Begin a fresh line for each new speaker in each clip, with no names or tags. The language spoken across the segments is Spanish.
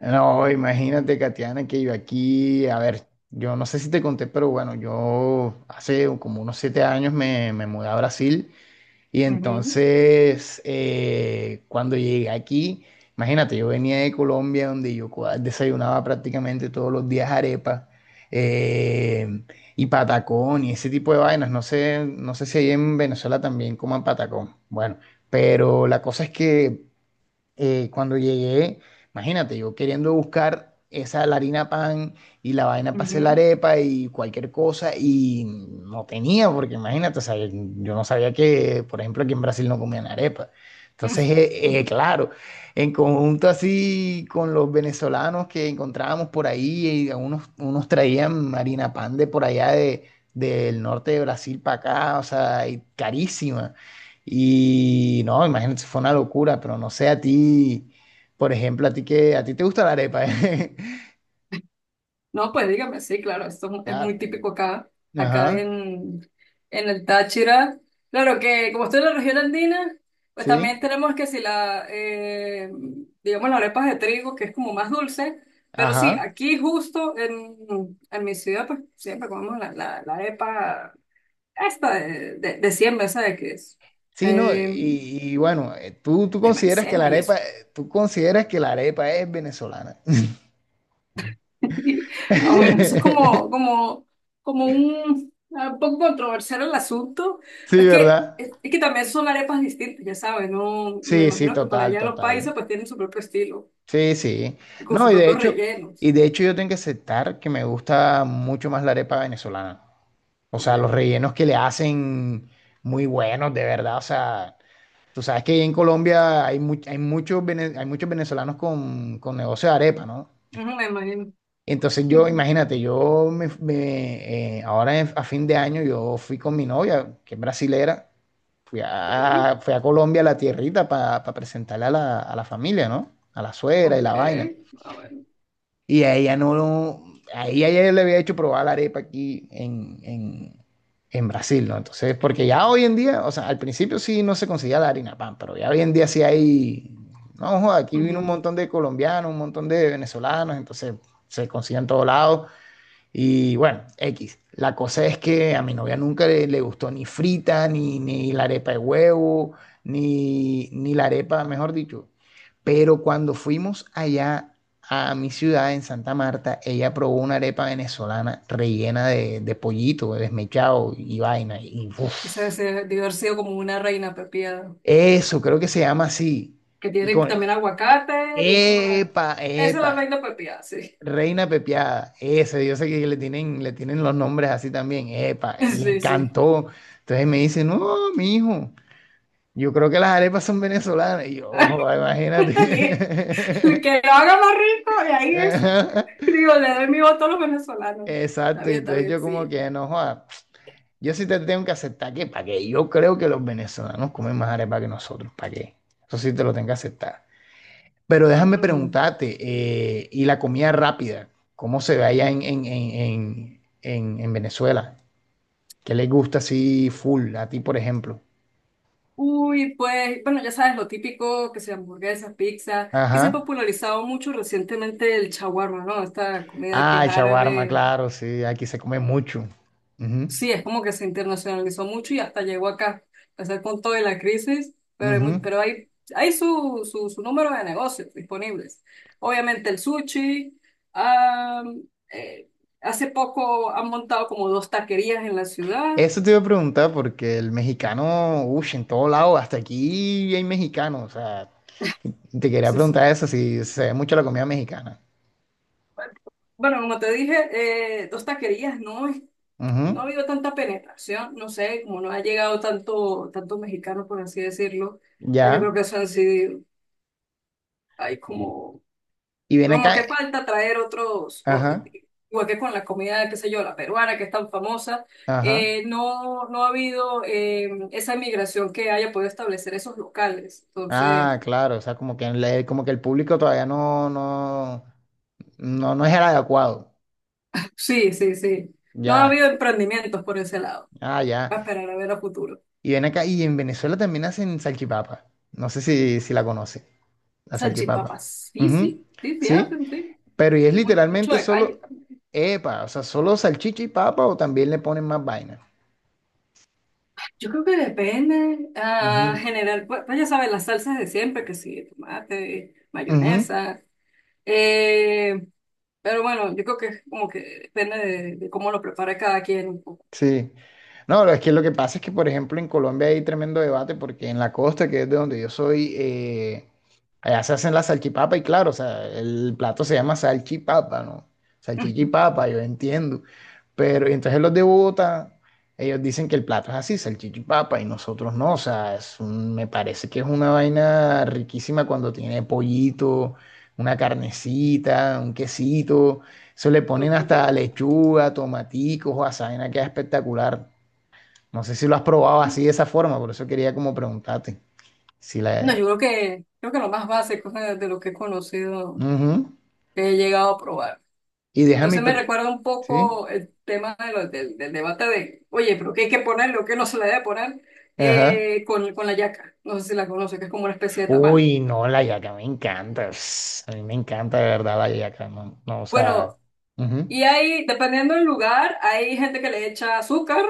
No, imagínate, Katiana, que yo aquí, a ver, yo no sé si te conté, pero bueno, yo hace como unos 7 años me mudé a Brasil y
Ujú,
entonces cuando llegué aquí, imagínate, yo venía de Colombia donde yo desayunaba prácticamente todos los días arepa, eh, y patacón y ese tipo de vainas. No sé si ahí en Venezuela también coman patacón. Bueno, pero la cosa es que cuando llegué, imagínate, yo queriendo buscar esa la harina pan y la vaina para hacer la
ujú.
arepa y cualquier cosa y no tenía, porque imagínate, o sea, yo no sabía que, por ejemplo, aquí en Brasil no comían arepa. Entonces, claro, en conjunto así con los venezolanos que encontrábamos por ahí, y unos traían harina pan de por allá de, del norte de Brasil para acá, o sea, y carísima. Y no, imagínate, fue una locura, pero no sé a ti, por ejemplo, a ti que a ti te gusta la arepa, ¿eh?
No, pues dígame, sí, claro, esto es es
Claro.
muy típico acá, acá
Ajá.
en el Táchira. Claro que como estoy en la región andina, pues también
Sí.
tenemos que si digamos, las arepas de trigo, que es como más dulce, pero sí,
Ajá.
aquí justo en mi ciudad, pues siempre comemos la arepa esta de siembra, ¿sabes? Qué es
Sí, no, y,
eh,
y bueno, tú, tú
de
consideras que la
maicena y
arepa,
eso.
tú consideras que la arepa es venezolana.
Ah, bueno, eso es como un poco controversial el asunto. Es
Sí,
que,
¿verdad?
es, que también son arepas distintas, ya sabes, ¿no? Me
Sí, sí,
imagino que para
total,
allá los países
total.
pues tienen su propio estilo
Sí, sí.
y con
No,
sus
y de
propios
hecho, y
rellenos.
de hecho yo tengo que aceptar que me gusta mucho más la arepa venezolana. O
Ok.
sea, los rellenos que le hacen muy buenos, de verdad. O sea, tú sabes que en Colombia hay muchos venezolanos con negocio de arepa, ¿no?
Ujú, me imagino.
Entonces yo, imagínate, yo me, me, ahora en- a fin de año yo fui con mi novia, que es brasilera, fui
Okay,
a, fui a Colombia, a la tierrita, para presentarle a la familia, ¿no? A la suegra
ok.
y la vaina.
Ah, bueno.
Y a ella no, no- a ella ya le había hecho probar la arepa aquí en Brasil, ¿no? Entonces, porque ya hoy en día, o sea, al principio sí no se conseguía la harina pan, pero ya hoy en día sí hay, no, joda, aquí vino un
Ujú.
montón de colombianos, un montón de venezolanos, entonces se consigue en todos lados. Y bueno, X. La cosa es que a mi novia nunca le gustó ni frita, ni la arepa de huevo, ni la arepa, mejor dicho. Pero cuando fuimos allá a mi ciudad, en Santa Marta, ella probó una arepa venezolana rellena de pollito, de desmechado y vaina. Y uf,
Esa debe haber sido como una reina pepiada,
eso, creo que se llama así.
que
Y
tiene
con,
también aguacate y es como una...
epa,
Esa es
epa,
la reina pepiada, sí.
Reina Pepiada, ese, yo sé que le tienen los nombres así también, epa, le
Sí, sí.
encantó. Entonces me dice, no, mijo, yo creo que las arepas son venezolanas. Y yo, ojo,
Bien. El
imagínate.
que lo haga más rico, y ahí es,
Ajá,
digo, le doy mi voto a los venezolanos.
exacto, y
Está
entonces
bien,
yo como
sí.
que, no, joda, yo sí te tengo que aceptar que, ¿para qué? Yo creo que los venezolanos comen más arepa que nosotros, ¿para qué? Eso sí te lo tengo que aceptar. Pero déjame
Ujú.
preguntarte, ¿y la comida rápida? ¿Cómo se ve allá en Venezuela? ¿Qué les gusta así full? A ti, por ejemplo.
Uy, pues, bueno, ya sabes, lo típico, que sea hamburguesa, pizza, que se ha
Ajá.
popularizado mucho recientemente el shawarma, ¿no? Esta comida que
Ah,
es
el shawarma,
árabe.
claro, sí, aquí se come mucho. Ujú,
Sí, es como que se internacionalizó mucho y hasta llegó acá, a ser con toda la crisis, pero
ujú.
hay, hay su número de negocios disponibles. Obviamente el sushi, am, eh, hace poco han montado como dos taquerías en la ciudad.
Eso te iba a preguntar porque el mexicano, uy, en todo lado, hasta aquí hay mexicanos. O sea, te quería
Sí,
preguntar
sí.
eso, si se ve mucho la comida mexicana.
Bueno, como te dije, dos taquerías
Ujú,
no ha habido tanta penetración, no sé, como no ha llegado tanto, tanto mexicano, por así decirlo. Ah, yo creo
ya.
que hay como...
Y ven
Como
acá.
que falta traer
Ajá,
igual que con la comida, qué sé yo, la peruana, que es tan famosa,
ajá.
no, no ha habido esa migración que haya podido establecer esos locales. Entonces,
Ah, claro, o sea, como que, como que el público todavía no es el adecuado.
sí, sí, sí. No ha habido
Ya,
emprendimientos por ese lado.
ah, ya.
Va a esperar a ver a futuro.
Y ven acá, y en Venezuela también hacen salchipapa. No sé si la conoce, la salchipapa.
Salchipapas, sí,
Ujú,
sí, sí, sí
sí,
hacen, sí.
pero y es
Mucho
literalmente
de calle
solo,
también.
epa, o sea, solo salchicha y papa o también le ponen más vaina.
Yo creo que depende, ah,
Ujú,
general, pues, pues ya sabes, las salsas de siempre, que sí, tomate,
ujú.
mayonesa. Eh, pero bueno, yo creo que es como que depende de cómo lo prepare cada quien un poco.
Sí. No, es que lo que pasa es que, por ejemplo, en Colombia hay tremendo debate porque en la costa, que es de donde yo soy, allá se hacen la salchipapa y claro, o sea, el plato se llama salchipapa, ¿no? Salchicha y papa, yo entiendo. Pero y entonces los de Bogotá, ellos dicen que el plato es así, salchicha y papa, y nosotros no, o sea, me parece que es una vaina riquísima cuando tiene pollito, una carnecita, un quesito. Eso le ponen
Ok.
hasta lechuga, tomaticos, o azaina, queda espectacular. No sé si lo has probado así de esa forma, por eso quería como preguntarte. Si
No,
la...
yo creo que lo más básico de lo que he conocido,
Ujú.
que he llegado a probar.
Y
Pero
déjame...
sí me recuerda un
¿Sí?
poco el tema de del debate de, oye, pero ¿qué hay que poner, lo que no se le debe poner
Ajá.
con la yaca? No sé si la conoce, que es como una especie de tamal.
Uy, no, la yaca me encanta. Ps, a mí me encanta de verdad la yaca. No, no, o sea...
Bueno,
ujú.
y ahí, dependiendo del lugar, hay gente que le echa azúcar,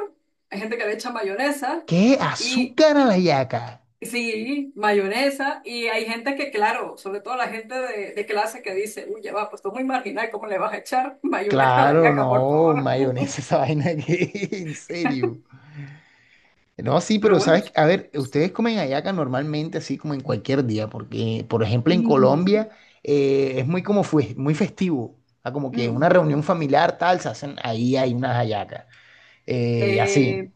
hay gente que le echa mayonesa.
¿Qué?
Y
¿Azúcar a la yaca?
sí, mayonesa. Y hay gente que, claro, sobre todo la gente de clase que dice, uy, ya va, pues esto es muy marginal, ¿cómo le vas a echar mayonesa a la
Claro,
yaca, por
no,
favor?
mayonesa esa vaina que... En serio. No, sí,
Pero
pero
bueno,
sabes,
sí.
a ver, ustedes comen hallaca normalmente así como en cualquier día, porque por ejemplo en
Mm,
Colombia, es muy festivo, ah, como que una
mm.
reunión familiar tal, se hacen, ahí hay unas hallacas, y así.
Eh,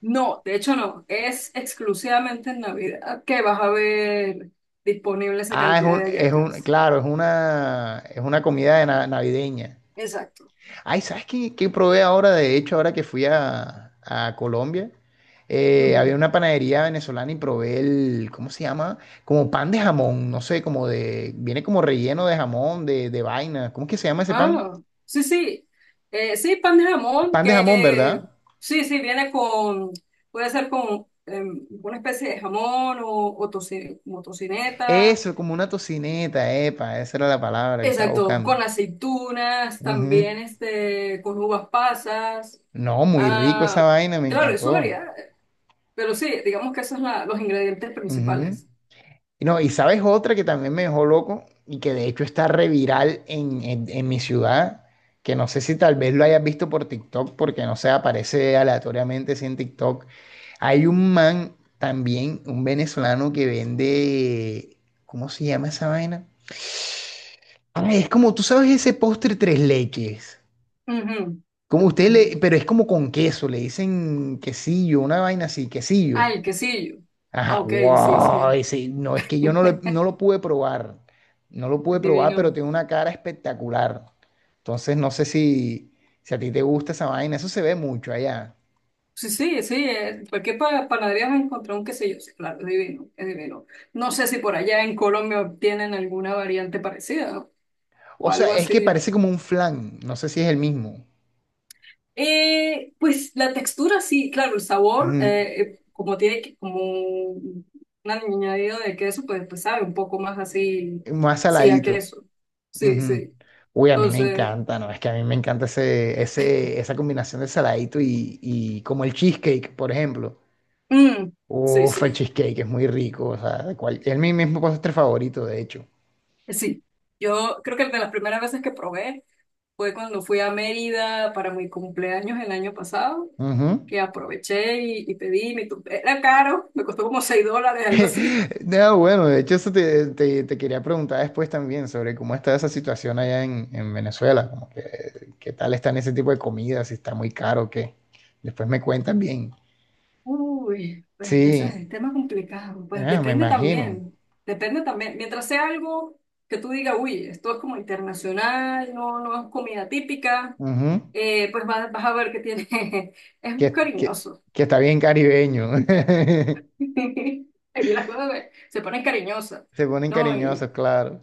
no, de hecho no, es exclusivamente en Navidad que vas a ver disponible esa
Ah,
cantidad de hallacas.
claro, es una comida de navideña.
Exacto.
Ay, ¿sabes qué probé ahora? De hecho, ahora que fui a Colombia, había una panadería venezolana y probé el, ¿cómo se llama? Como pan de jamón, no sé, como de, viene como relleno de jamón, de vaina. ¿Cómo es que se llama ese pan?
Ah, sí, sí. Sí, pan de jamón,
Pan de jamón,
que
¿verdad?
sí, sí, viene con, puede ser con una especie de jamón o como tocineta.
Eso, como una tocineta, epa, esa era la palabra que estaba
Exacto,
buscando.
con aceitunas, también
Ujú.
este, con uvas pasas.
No, muy rico esa
Ah,
vaina, me
claro, es su
encantó.
variedad, pero sí, digamos que esos son los ingredientes
Ujú.
principales.
Y no, y sabes otra que también me dejó loco y que de hecho está reviral en mi ciudad, que no sé si tal vez lo hayas visto por TikTok, porque no sé, aparece aleatoriamente sí, en TikTok. Hay un man también, un venezolano que vende, ¿cómo se llama esa vaina? Ah, es como, tú sabes ese postre tres leches,
Ujú.
como
El
usted
tres
le,
leches.
pero es como con queso, le dicen quesillo, una vaina así, quesillo.
Ah, el quesillo. Ah,
Ajá,
ok, sí,
wow,
sí.
no, es que yo no lo, no lo pude probar, no lo pude probar, pero
Adivino.
tiene una cara espectacular. Entonces no sé si a ti te gusta esa vaina, eso se ve mucho allá.
Sí, sí, sí, cualquier panadería vas a encontrar un quesillo, sí, claro, es divino, es divino. No sé si por allá en Colombia tienen alguna variante parecida o
O sea,
algo
es que
así.
parece como un flan, no sé si es el mismo,
Pues la textura sí, claro, el sabor,
ujú,
como tiene como un añadido de queso, pues, pues sabe un poco más así,
más
sí, a
saladito.
queso. Sí,
Ujú.
sí.
Uy, a mí me
Entonces,
encanta, ¿no? Es que a mí me encanta esa combinación de saladito y como el cheesecake, por ejemplo.
mm, sí,
Uf, el
sí,
cheesecake es muy rico, o sea, es mi mismo postre favorito, de hecho.
sí. Yo creo que de las primeras veces que probé, fue cuando fui a Mérida para mi cumpleaños el año pasado,
Ujú.
que aproveché y pedí era caro, me costó como $6, algo así.
No, bueno, de hecho eso te quería preguntar después también sobre cómo está esa situación allá en Venezuela, como que, qué tal están ese tipo de comidas, si está muy caro o qué. Después me cuentan bien.
Uy, pues ya sabes,
Sí,
el tema es complicado. Pues
ah, me
depende
imagino.
también, depende también. Mientras sea algo que tú digas, uy, esto es como internacional, no, no es comida típica,
Ujú.
pues vas, vas a ver que tiene,
Que,
es
que,
cariñoso.
que está bien caribeño.
Aquí las cosas se ponen cariñosas,
Se ponen
¿no?
cariñosos,
Y
claro.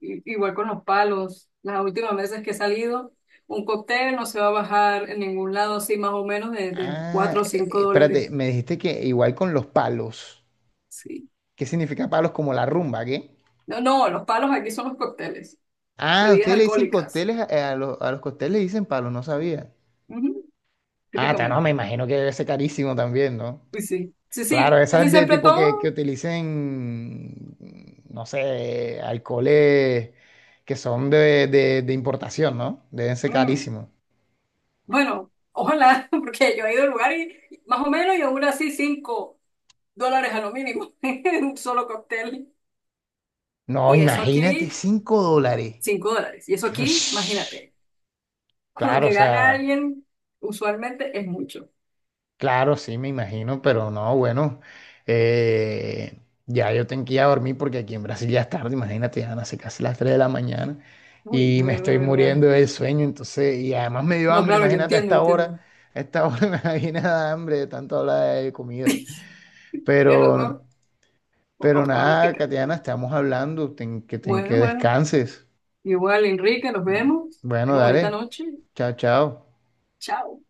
igual con los palos, las últimas veces que he salido, un cóctel no se va a bajar en ningún lado, así más o menos de
Ah,
4 o cinco
espérate,
dólares.
me dijiste que igual con los palos.
Sí.
¿Qué significa palos como la rumba, qué?
No, no, los palos aquí son los cócteles,
Ah,
bebidas
ustedes le dicen
alcohólicas.
cócteles, a los cócteles le dicen palos, no sabía.
Ujú,
Ah, no, me
típicamente.
imagino que debe ser carísimo también, ¿no?
Pues sí, sí,
Claro,
sí, casi
esas de
siempre
tipo que
todo.
utilicen, no sé, alcoholes que son de importación, ¿no? Deben ser
Mm.
carísimos.
Bueno, ojalá, porque yo he ido al lugar y más o menos y aún así $5 a lo mínimo en un solo cóctel.
No,
Y eso
imagínate,
aquí,
$5.
$5. Y eso aquí,
Ush.
imagínate. Con lo
Claro, o
que gana
sea.
alguien usualmente es mucho.
Claro, sí, me imagino, pero no, bueno, eh, ya yo tengo que ir a dormir porque aquí en Brasil ya es tarde, imagínate, ya van a ser casi las 3 de la mañana
Uy, es
y me
verdad,
estoy
verdad.
muriendo del sueño, entonces, y además me dio
No,
hambre,
claro, yo
imagínate a
entiendo,
esta hora,
entiendo.
a esta hora me da bien a hambre de tanto hablar de comida,
Tienes
pero,
razón. Vamos a
pero
probar un
nada,
picadillo.
Katiana, estamos hablando, que
Bueno, bueno.
descanses,
Igual, Enrique, nos vemos.
bueno,
Tenga bonita
dale,
noche.
chao, chao.
Chao.